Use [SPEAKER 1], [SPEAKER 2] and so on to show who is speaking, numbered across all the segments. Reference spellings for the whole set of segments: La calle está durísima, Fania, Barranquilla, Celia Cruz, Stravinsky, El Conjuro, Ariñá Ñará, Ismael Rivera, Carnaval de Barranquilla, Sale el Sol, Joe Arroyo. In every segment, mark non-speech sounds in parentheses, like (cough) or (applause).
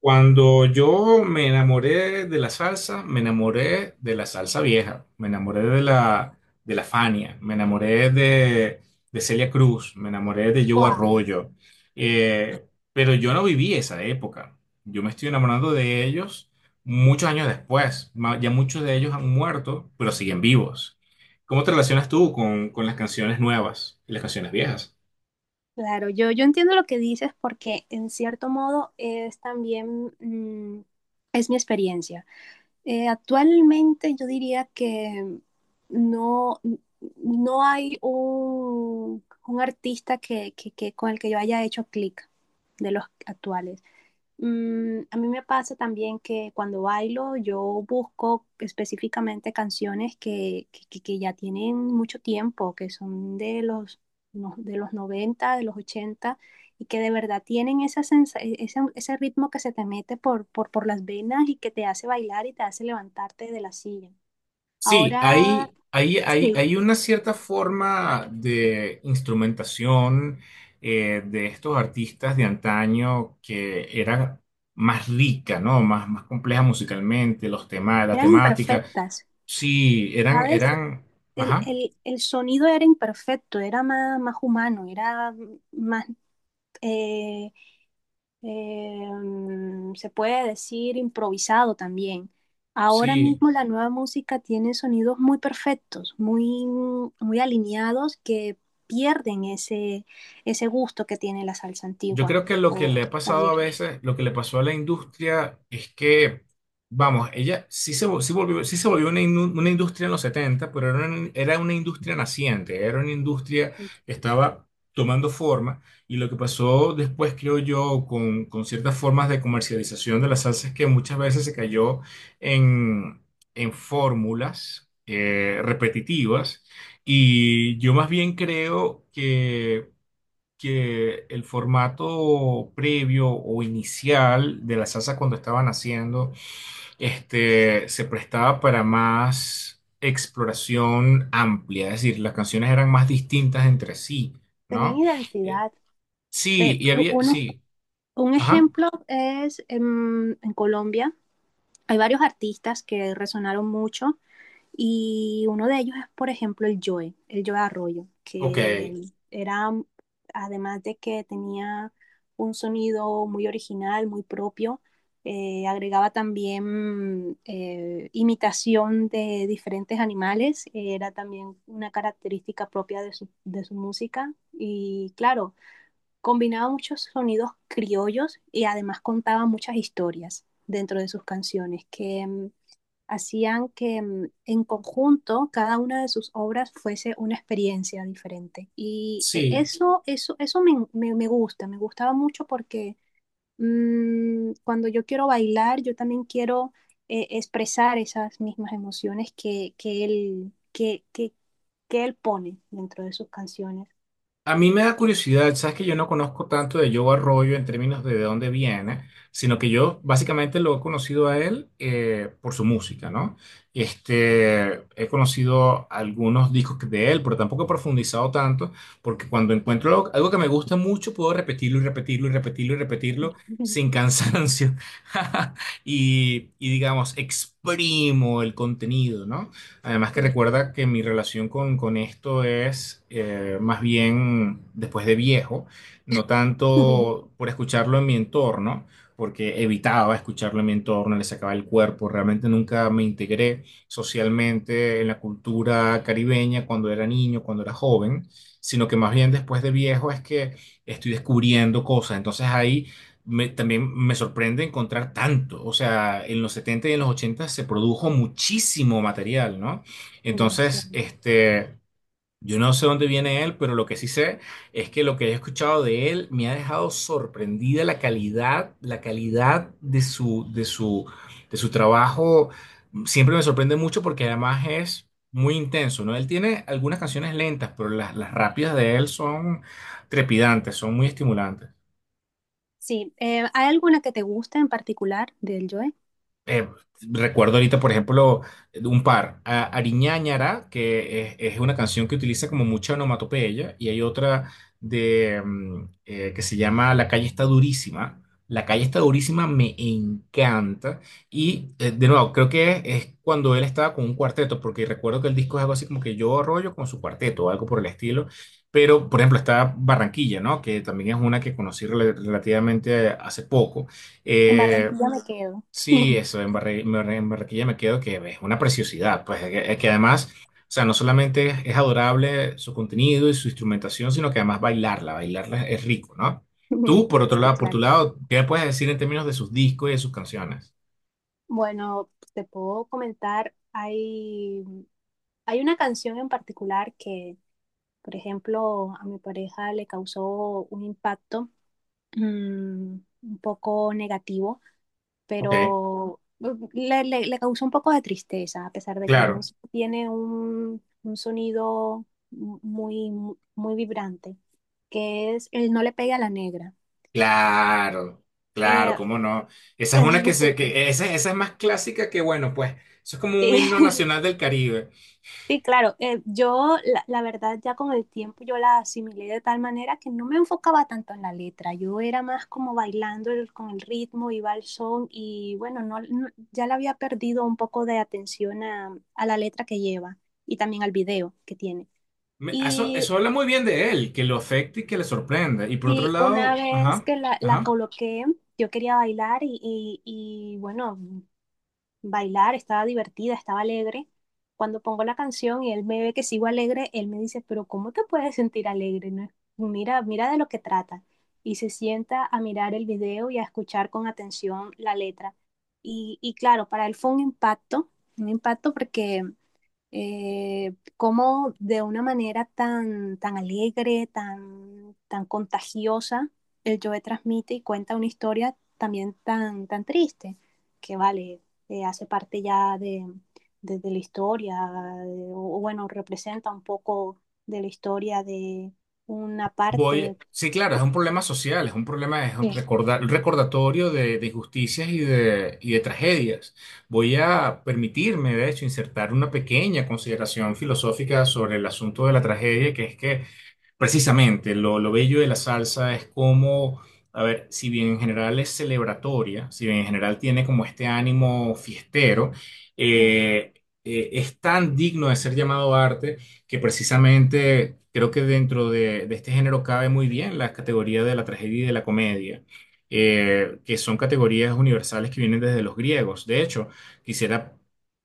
[SPEAKER 1] Cuando yo me enamoré de la salsa, me enamoré de la salsa vieja, me enamoré de la Fania, me enamoré de Celia Cruz, me enamoré de Joe
[SPEAKER 2] Wow,
[SPEAKER 1] Arroyo. Eh, pero yo no viví esa época. Yo me estoy enamorando de ellos muchos años después. Ya muchos de ellos han muerto, pero siguen vivos. ¿Cómo te relacionas tú con las canciones nuevas y las canciones viejas?
[SPEAKER 2] claro, yo entiendo lo que dices porque en cierto modo es también, es mi experiencia. Actualmente yo diría que no, no hay un artista con el que yo haya hecho clic de los actuales. A mí me pasa también que cuando bailo yo busco específicamente canciones que ya tienen mucho tiempo, que son de los, no- de los 90 de los 80 y que de verdad tienen esa ese ritmo que se te mete por las venas y que te hace bailar y te hace levantarte de la silla.
[SPEAKER 1] Sí,
[SPEAKER 2] Ahora,
[SPEAKER 1] hay, hay, hay,
[SPEAKER 2] sí,
[SPEAKER 1] hay una cierta forma de instrumentación de estos artistas de antaño que era más rica, ¿no? Más compleja musicalmente, los temas, la
[SPEAKER 2] eran
[SPEAKER 1] temática.
[SPEAKER 2] imperfectas,
[SPEAKER 1] Sí,
[SPEAKER 2] ¿sabes?
[SPEAKER 1] ajá,
[SPEAKER 2] El sonido era imperfecto, era más humano, era más... eh, se puede decir improvisado también. Ahora
[SPEAKER 1] sí.
[SPEAKER 2] mismo la nueva música tiene sonidos muy perfectos, muy alineados que pierden ese gusto que tiene la salsa
[SPEAKER 1] Yo
[SPEAKER 2] antigua
[SPEAKER 1] creo que lo que
[SPEAKER 2] o
[SPEAKER 1] le ha
[SPEAKER 2] la
[SPEAKER 1] pasado a
[SPEAKER 2] vieja.
[SPEAKER 1] veces, lo que le pasó a la industria es que, vamos, ella sí se, vol- sí volvió, sí se volvió una industria en los 70, pero era una industria naciente, era una industria que estaba tomando forma y lo que pasó después, creo yo, con ciertas formas de comercialización de las salsas que muchas veces se cayó en, en fórmulas repetitivas y yo más bien creo que el formato previo o inicial de la salsa cuando estaban haciendo, se prestaba para más exploración amplia, es decir, las canciones eran más distintas entre sí,
[SPEAKER 2] Tenían
[SPEAKER 1] ¿no? Eh,
[SPEAKER 2] identidad.
[SPEAKER 1] sí,
[SPEAKER 2] Te-
[SPEAKER 1] y había,
[SPEAKER 2] un,
[SPEAKER 1] sí,
[SPEAKER 2] un
[SPEAKER 1] ajá,
[SPEAKER 2] ejemplo es en Colombia. Hay varios artistas que resonaron mucho. Y uno de ellos es, por ejemplo, el Joe Arroyo,
[SPEAKER 1] ok,
[SPEAKER 2] que era, además de que tenía un sonido muy original, muy propio, agregaba también imitación de diferentes animales, era también una característica propia de de su música y claro, combinaba muchos sonidos criollos y además contaba muchas historias dentro de sus canciones que hacían que en conjunto cada una de sus obras fuese una experiencia diferente. Y
[SPEAKER 1] sí.
[SPEAKER 2] eso me gusta, me gustaba mucho porque cuando yo quiero bailar, yo también quiero expresar esas mismas emociones que él pone dentro de sus canciones.
[SPEAKER 1] A mí me da curiosidad, sabes que yo no conozco tanto de Joe Arroyo en términos de dónde viene, sino que yo básicamente lo he conocido a él por su música, ¿no? He conocido algunos discos de él, pero tampoco he profundizado tanto, porque cuando encuentro algo, algo que me gusta mucho, puedo repetirlo y repetirlo y repetirlo y repetirlo sin
[SPEAKER 2] (laughs)
[SPEAKER 1] cansancio. (laughs) Y, y digamos, exprimo el contenido, ¿no? Además que
[SPEAKER 2] Sí,
[SPEAKER 1] recuerda que mi relación con esto es más bien después de viejo, no
[SPEAKER 2] (laughs)
[SPEAKER 1] tanto por escucharlo en mi entorno, porque evitaba escucharlo en mi entorno, le sacaba el cuerpo, realmente nunca me integré socialmente en la cultura caribeña cuando era niño, cuando era joven, sino que más bien después de viejo es que estoy descubriendo cosas. Entonces ahí también me sorprende encontrar tanto. O sea, en los 70 y en los 80 se produjo muchísimo material, ¿no? Entonces,
[SPEAKER 2] demasiado.
[SPEAKER 1] yo no sé dónde viene él, pero lo que sí sé es que lo que he escuchado de él me ha dejado sorprendida la calidad de su trabajo. Siempre me sorprende mucho porque además es muy intenso, ¿no? Él tiene algunas canciones lentas, pero las rápidas de él son trepidantes, son muy estimulantes.
[SPEAKER 2] Sí, ¿hay alguna que te guste en particular del Joy?
[SPEAKER 1] eh, Recuerdo ahorita, por ejemplo, un par, Ariñá Ñará, que es una canción que utiliza como mucha onomatopeya, y hay otra que se llama La calle está durísima. La calle está durísima me encanta. Y de nuevo, creo que es, cuando él estaba con un cuarteto, porque recuerdo que el disco es algo así como que yo rollo con su cuarteto o algo por el estilo. Pero, por ejemplo, está Barranquilla, ¿no? Que también es una que conocí relativamente hace poco.
[SPEAKER 2] En
[SPEAKER 1] Eh,
[SPEAKER 2] Barranquilla me quedo.
[SPEAKER 1] Sí,
[SPEAKER 2] (laughs)
[SPEAKER 1] eso, en Barranquilla me quedo que es una preciosidad, pues es que además, o sea, no solamente es adorable su contenido y su instrumentación, sino que además bailarla, bailarla es rico, ¿no?
[SPEAKER 2] (laughs)
[SPEAKER 1] Tú, por otro
[SPEAKER 2] Sí,
[SPEAKER 1] lado, por tu
[SPEAKER 2] claro.
[SPEAKER 1] lado, ¿qué puedes decir en términos de sus discos y de sus canciones?
[SPEAKER 2] Bueno, te puedo comentar, hay una canción en particular que, por ejemplo, a mi pareja le causó un impacto mm, un poco negativo,
[SPEAKER 1] Ok,
[SPEAKER 2] pero le causó un poco de tristeza, a pesar de que la
[SPEAKER 1] claro.
[SPEAKER 2] música tiene un sonido muy vibrante, que es el No le pegue a la negra.
[SPEAKER 1] Claro, claro,
[SPEAKER 2] Eh,
[SPEAKER 1] cómo no. Esa es una
[SPEAKER 2] (laughs)
[SPEAKER 1] que se, que esa es más clásica que bueno, pues eso es como un
[SPEAKER 2] sí.
[SPEAKER 1] himno nacional del Caribe.
[SPEAKER 2] Sí, claro. Yo, la verdad, ya con el tiempo yo la asimilé de tal manera que no me enfocaba tanto en la letra. Yo era más como bailando con el ritmo, iba al son y bueno, ya le había perdido un poco de atención a la letra que lleva y también al video que tiene.
[SPEAKER 1] Eso,
[SPEAKER 2] Y
[SPEAKER 1] eso habla muy bien de él, que lo afecte y que le sorprenda. Y por otro
[SPEAKER 2] sí, una
[SPEAKER 1] lado,
[SPEAKER 2] vez
[SPEAKER 1] ajá,
[SPEAKER 2] que la
[SPEAKER 1] ajá.
[SPEAKER 2] coloqué, yo quería bailar y bueno, bailar, estaba divertida, estaba alegre. Cuando pongo la canción y él me ve que sigo alegre, él me dice, pero ¿cómo te puedes sentir alegre? No es- Mira, mira de lo que trata. Y se sienta a mirar el video y a escuchar con atención la letra. Y claro, para él fue un impacto porque cómo de una manera tan, tan alegre, tan, tan contagiosa, el Joe transmite y cuenta una historia también tan, tan triste, que vale, hace parte ya de, de la historia, eh, o bueno, representa un poco de la historia de una
[SPEAKER 1] Voy,
[SPEAKER 2] parte.
[SPEAKER 1] sí, claro, es un problema social, es un problema, es un
[SPEAKER 2] Sí,
[SPEAKER 1] un recordatorio de injusticias y de tragedias. Voy a permitirme, de hecho, insertar una pequeña consideración filosófica sobre el asunto de la tragedia, que es que precisamente, lo bello de la salsa es como, a ver, si bien en general es celebratoria, si bien en general tiene como este ánimo fiestero,
[SPEAKER 2] sí.
[SPEAKER 1] eh, es tan digno de ser llamado arte que precisamente creo que dentro de este género cabe muy bien la categoría de la tragedia y de la comedia, que son categorías universales que vienen desde los griegos. De hecho, quisiera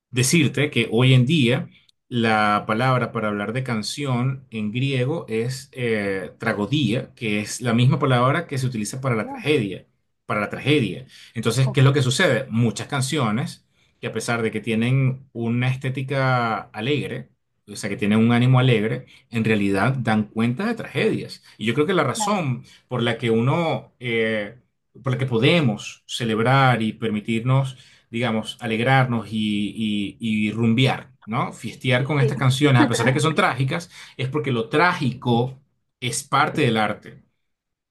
[SPEAKER 1] decirte que hoy en día la palabra para hablar de canción en griego es tragodia, que es la misma palabra que se utiliza para la
[SPEAKER 2] Oh,
[SPEAKER 1] tragedia, para la tragedia. Entonces,
[SPEAKER 2] oh,
[SPEAKER 1] ¿qué es lo que sucede? Muchas canciones que a pesar de que tienen una estética alegre, o sea, que tienen un ánimo alegre, en realidad dan cuenta de tragedias. Y yo creo que la
[SPEAKER 2] claro.
[SPEAKER 1] razón por la que uno, por la que podemos celebrar y permitirnos digamos, alegrarnos y rumbear, ¿no? Fiestear con
[SPEAKER 2] Sí.
[SPEAKER 1] estas canciones, a pesar de que son
[SPEAKER 2] (laughs)
[SPEAKER 1] trágicas, es porque lo trágico es parte del arte,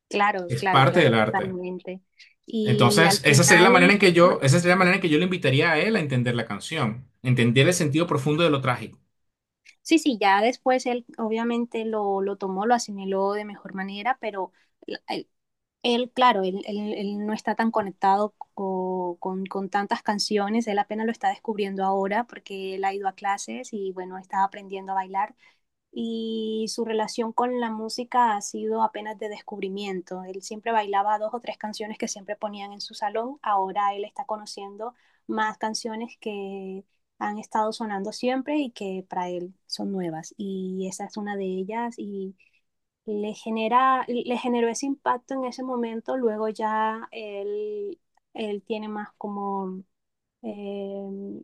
[SPEAKER 2] Claro,
[SPEAKER 1] es
[SPEAKER 2] claro,
[SPEAKER 1] parte del
[SPEAKER 2] claro,
[SPEAKER 1] arte.
[SPEAKER 2] totalmente. Y
[SPEAKER 1] Entonces,
[SPEAKER 2] al
[SPEAKER 1] esa sería la manera
[SPEAKER 2] final,
[SPEAKER 1] en que yo, esa sería la manera en que yo le invitaría a él a entender la canción, entender el sentido profundo de lo trágico.
[SPEAKER 2] sí, sí, ya después él obviamente lo tomó, lo asimiló de mejor manera, pero él, él, claro, él no está tan conectado con tantas canciones, él apenas lo está descubriendo ahora porque él ha ido a clases y bueno, está aprendiendo a bailar, y su relación con la música ha sido apenas de descubrimiento. Él siempre bailaba dos o tres canciones que siempre ponían en su salón, ahora él está conociendo más canciones que han estado sonando siempre y que para él son nuevas y esa es una de ellas y le generó ese impacto en ese momento. Luego ya él él tiene más como eh,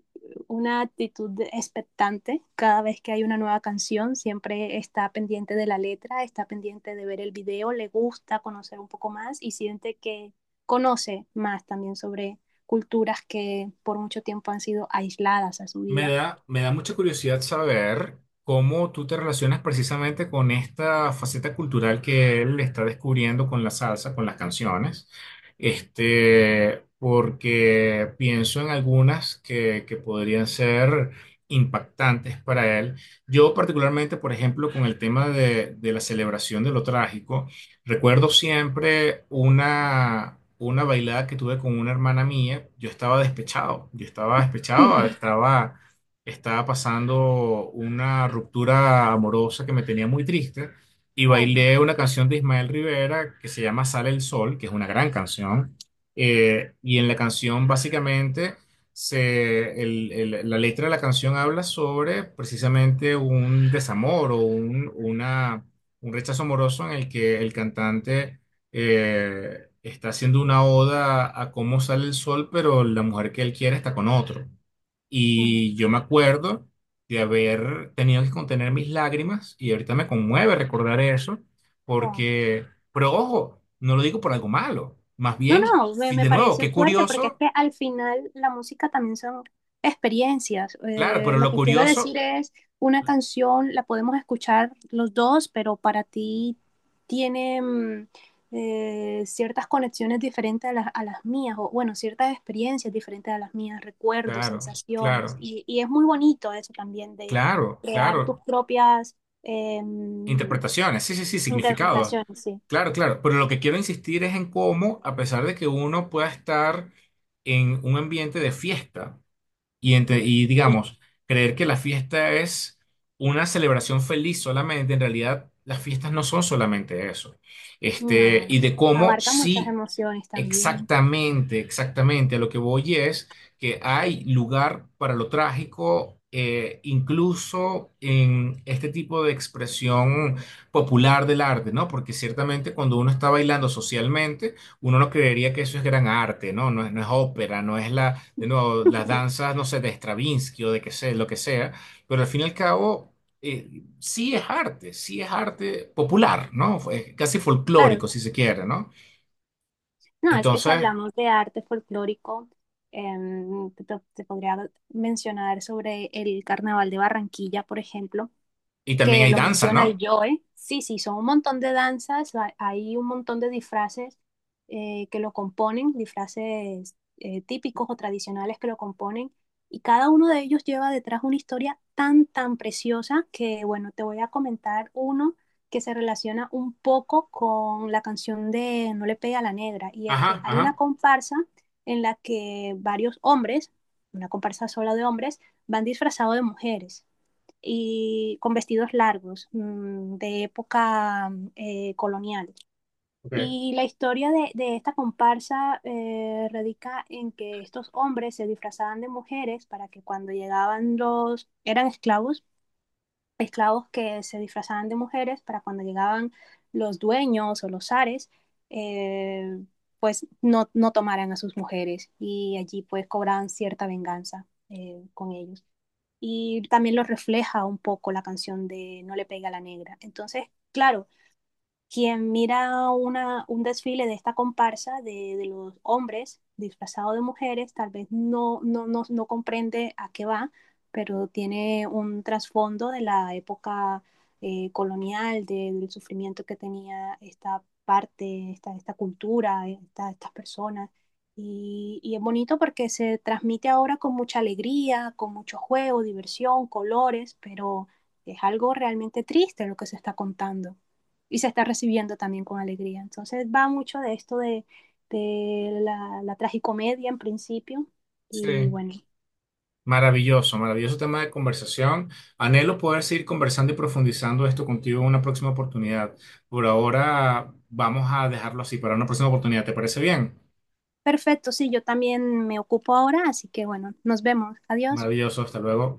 [SPEAKER 2] una actitud expectante cada vez que hay una nueva canción, siempre está pendiente de la letra, está pendiente de ver el video, le gusta conocer un poco más y siente que conoce más también sobre culturas que por mucho tiempo han sido aisladas a su vida.
[SPEAKER 1] Me da mucha curiosidad saber cómo tú te relacionas precisamente con esta faceta cultural que él está descubriendo con la salsa, con las canciones. Porque pienso en algunas que podrían ser impactantes para él. Yo particularmente, por ejemplo, con el tema de la celebración de lo trágico, recuerdo siempre una bailada que tuve con una hermana mía, yo estaba despechado,
[SPEAKER 2] (laughs)
[SPEAKER 1] estaba pasando una ruptura amorosa que me tenía muy triste y
[SPEAKER 2] Oh,
[SPEAKER 1] bailé una canción de Ismael Rivera que se llama Sale el Sol, que es una gran canción. Y en la canción básicamente la letra de la canción habla sobre precisamente un desamor o un rechazo amoroso en el que el cantante está haciendo una oda a cómo sale el sol, pero la mujer que él quiere está con otro.
[SPEAKER 2] mm,
[SPEAKER 1] Y yo me acuerdo de haber tenido que contener mis lágrimas y ahorita me conmueve recordar eso,
[SPEAKER 2] wow.
[SPEAKER 1] porque, pero ojo, no lo digo por algo malo, más
[SPEAKER 2] No,
[SPEAKER 1] bien,
[SPEAKER 2] no, me
[SPEAKER 1] de nuevo,
[SPEAKER 2] parece
[SPEAKER 1] qué
[SPEAKER 2] fuerte porque es
[SPEAKER 1] curioso,
[SPEAKER 2] que al final la música también son experiencias.
[SPEAKER 1] claro, pero
[SPEAKER 2] Lo
[SPEAKER 1] lo
[SPEAKER 2] que quiero decir
[SPEAKER 1] curioso,
[SPEAKER 2] es, una canción la podemos escuchar los dos, pero para ti tiene ciertas conexiones diferentes a a las mías, o bueno, ciertas experiencias diferentes a las mías, recuerdos,
[SPEAKER 1] claro,
[SPEAKER 2] sensaciones,
[SPEAKER 1] claro,
[SPEAKER 2] y es muy bonito eso también de
[SPEAKER 1] claro,
[SPEAKER 2] crear tus
[SPEAKER 1] claro,
[SPEAKER 2] propias em,
[SPEAKER 1] interpretaciones, sí, sí, sí, significados,
[SPEAKER 2] interpretaciones, sí.
[SPEAKER 1] claro, claro, pero lo que quiero insistir es en cómo, a pesar de que uno pueda estar en un ambiente de fiesta, Y, y
[SPEAKER 2] Sí.
[SPEAKER 1] digamos, creer que la fiesta es una celebración feliz solamente, en realidad las fiestas no son solamente eso.
[SPEAKER 2] No,
[SPEAKER 1] Y de cómo
[SPEAKER 2] abarca muchas
[SPEAKER 1] sí
[SPEAKER 2] emociones también.
[SPEAKER 1] exactamente, exactamente. A lo que voy es que hay lugar para lo trágico, incluso en este tipo de expresión popular del arte, ¿no? Porque ciertamente cuando uno está bailando socialmente, uno no creería que eso es gran arte, ¿no? No es, no es ópera, no es la, de nuevo, las
[SPEAKER 2] (laughs)
[SPEAKER 1] danzas, no sé, de Stravinsky o de que sé, lo que sea, pero al fin y al cabo... sí es arte popular, ¿no? Fue casi
[SPEAKER 2] Claro,
[SPEAKER 1] folclórico, si se quiere, ¿no?
[SPEAKER 2] no, es que si
[SPEAKER 1] Entonces,
[SPEAKER 2] hablamos de arte folclórico, em, te, te podría mencionar sobre el Carnaval de Barranquilla, por ejemplo,
[SPEAKER 1] y también
[SPEAKER 2] que
[SPEAKER 1] hay
[SPEAKER 2] lo
[SPEAKER 1] danza,
[SPEAKER 2] menciona el
[SPEAKER 1] ¿no?
[SPEAKER 2] Joe. Sí, sí, son un montón de danzas, hay un montón de disfraces que lo componen, disfraces típicos o tradicionales que lo componen, y cada uno de ellos lleva detrás una historia tan, tan preciosa que, bueno, te voy a comentar uno que se relaciona un poco con la canción de No le pegue a la negra, y es que
[SPEAKER 1] Ajá,
[SPEAKER 2] hay una
[SPEAKER 1] ajá,
[SPEAKER 2] comparsa en la que varios hombres, una comparsa sola de hombres, van disfrazados de mujeres y con vestidos largos mmm, de época colonial.
[SPEAKER 1] ok.
[SPEAKER 2] Y la historia de esta comparsa radica en que estos hombres se disfrazaban de mujeres para que cuando llegaban los, eran esclavos, esclavos que se disfrazaban de mujeres para cuando llegaban los dueños o los zares, eh, pues no, no tomaran a sus mujeres y allí pues cobraban cierta venganza con ellos y también lo refleja un poco la canción de No le pega a la negra. Entonces, claro, quien mira un desfile de esta comparsa de los hombres disfrazados de mujeres, tal vez no comprende a qué va, pero tiene un trasfondo de la época colonial, del sufrimiento que tenía esta parte, esta cultura, estas personas. Y es bonito porque se transmite ahora con mucha alegría, con mucho juego, diversión, colores, pero es algo realmente triste lo que se está contando y se está recibiendo también con alegría. Entonces va mucho de esto de la tragicomedia en principio y
[SPEAKER 1] Sí.
[SPEAKER 2] bueno,
[SPEAKER 1] Maravilloso, maravilloso tema de conversación. Anhelo poder seguir conversando y profundizando esto contigo en una próxima oportunidad. Por ahora vamos a dejarlo así para una próxima oportunidad. ¿Te parece bien?
[SPEAKER 2] perfecto, sí, yo también me ocupo ahora, así que bueno, nos vemos, adiós.
[SPEAKER 1] Maravilloso, hasta luego.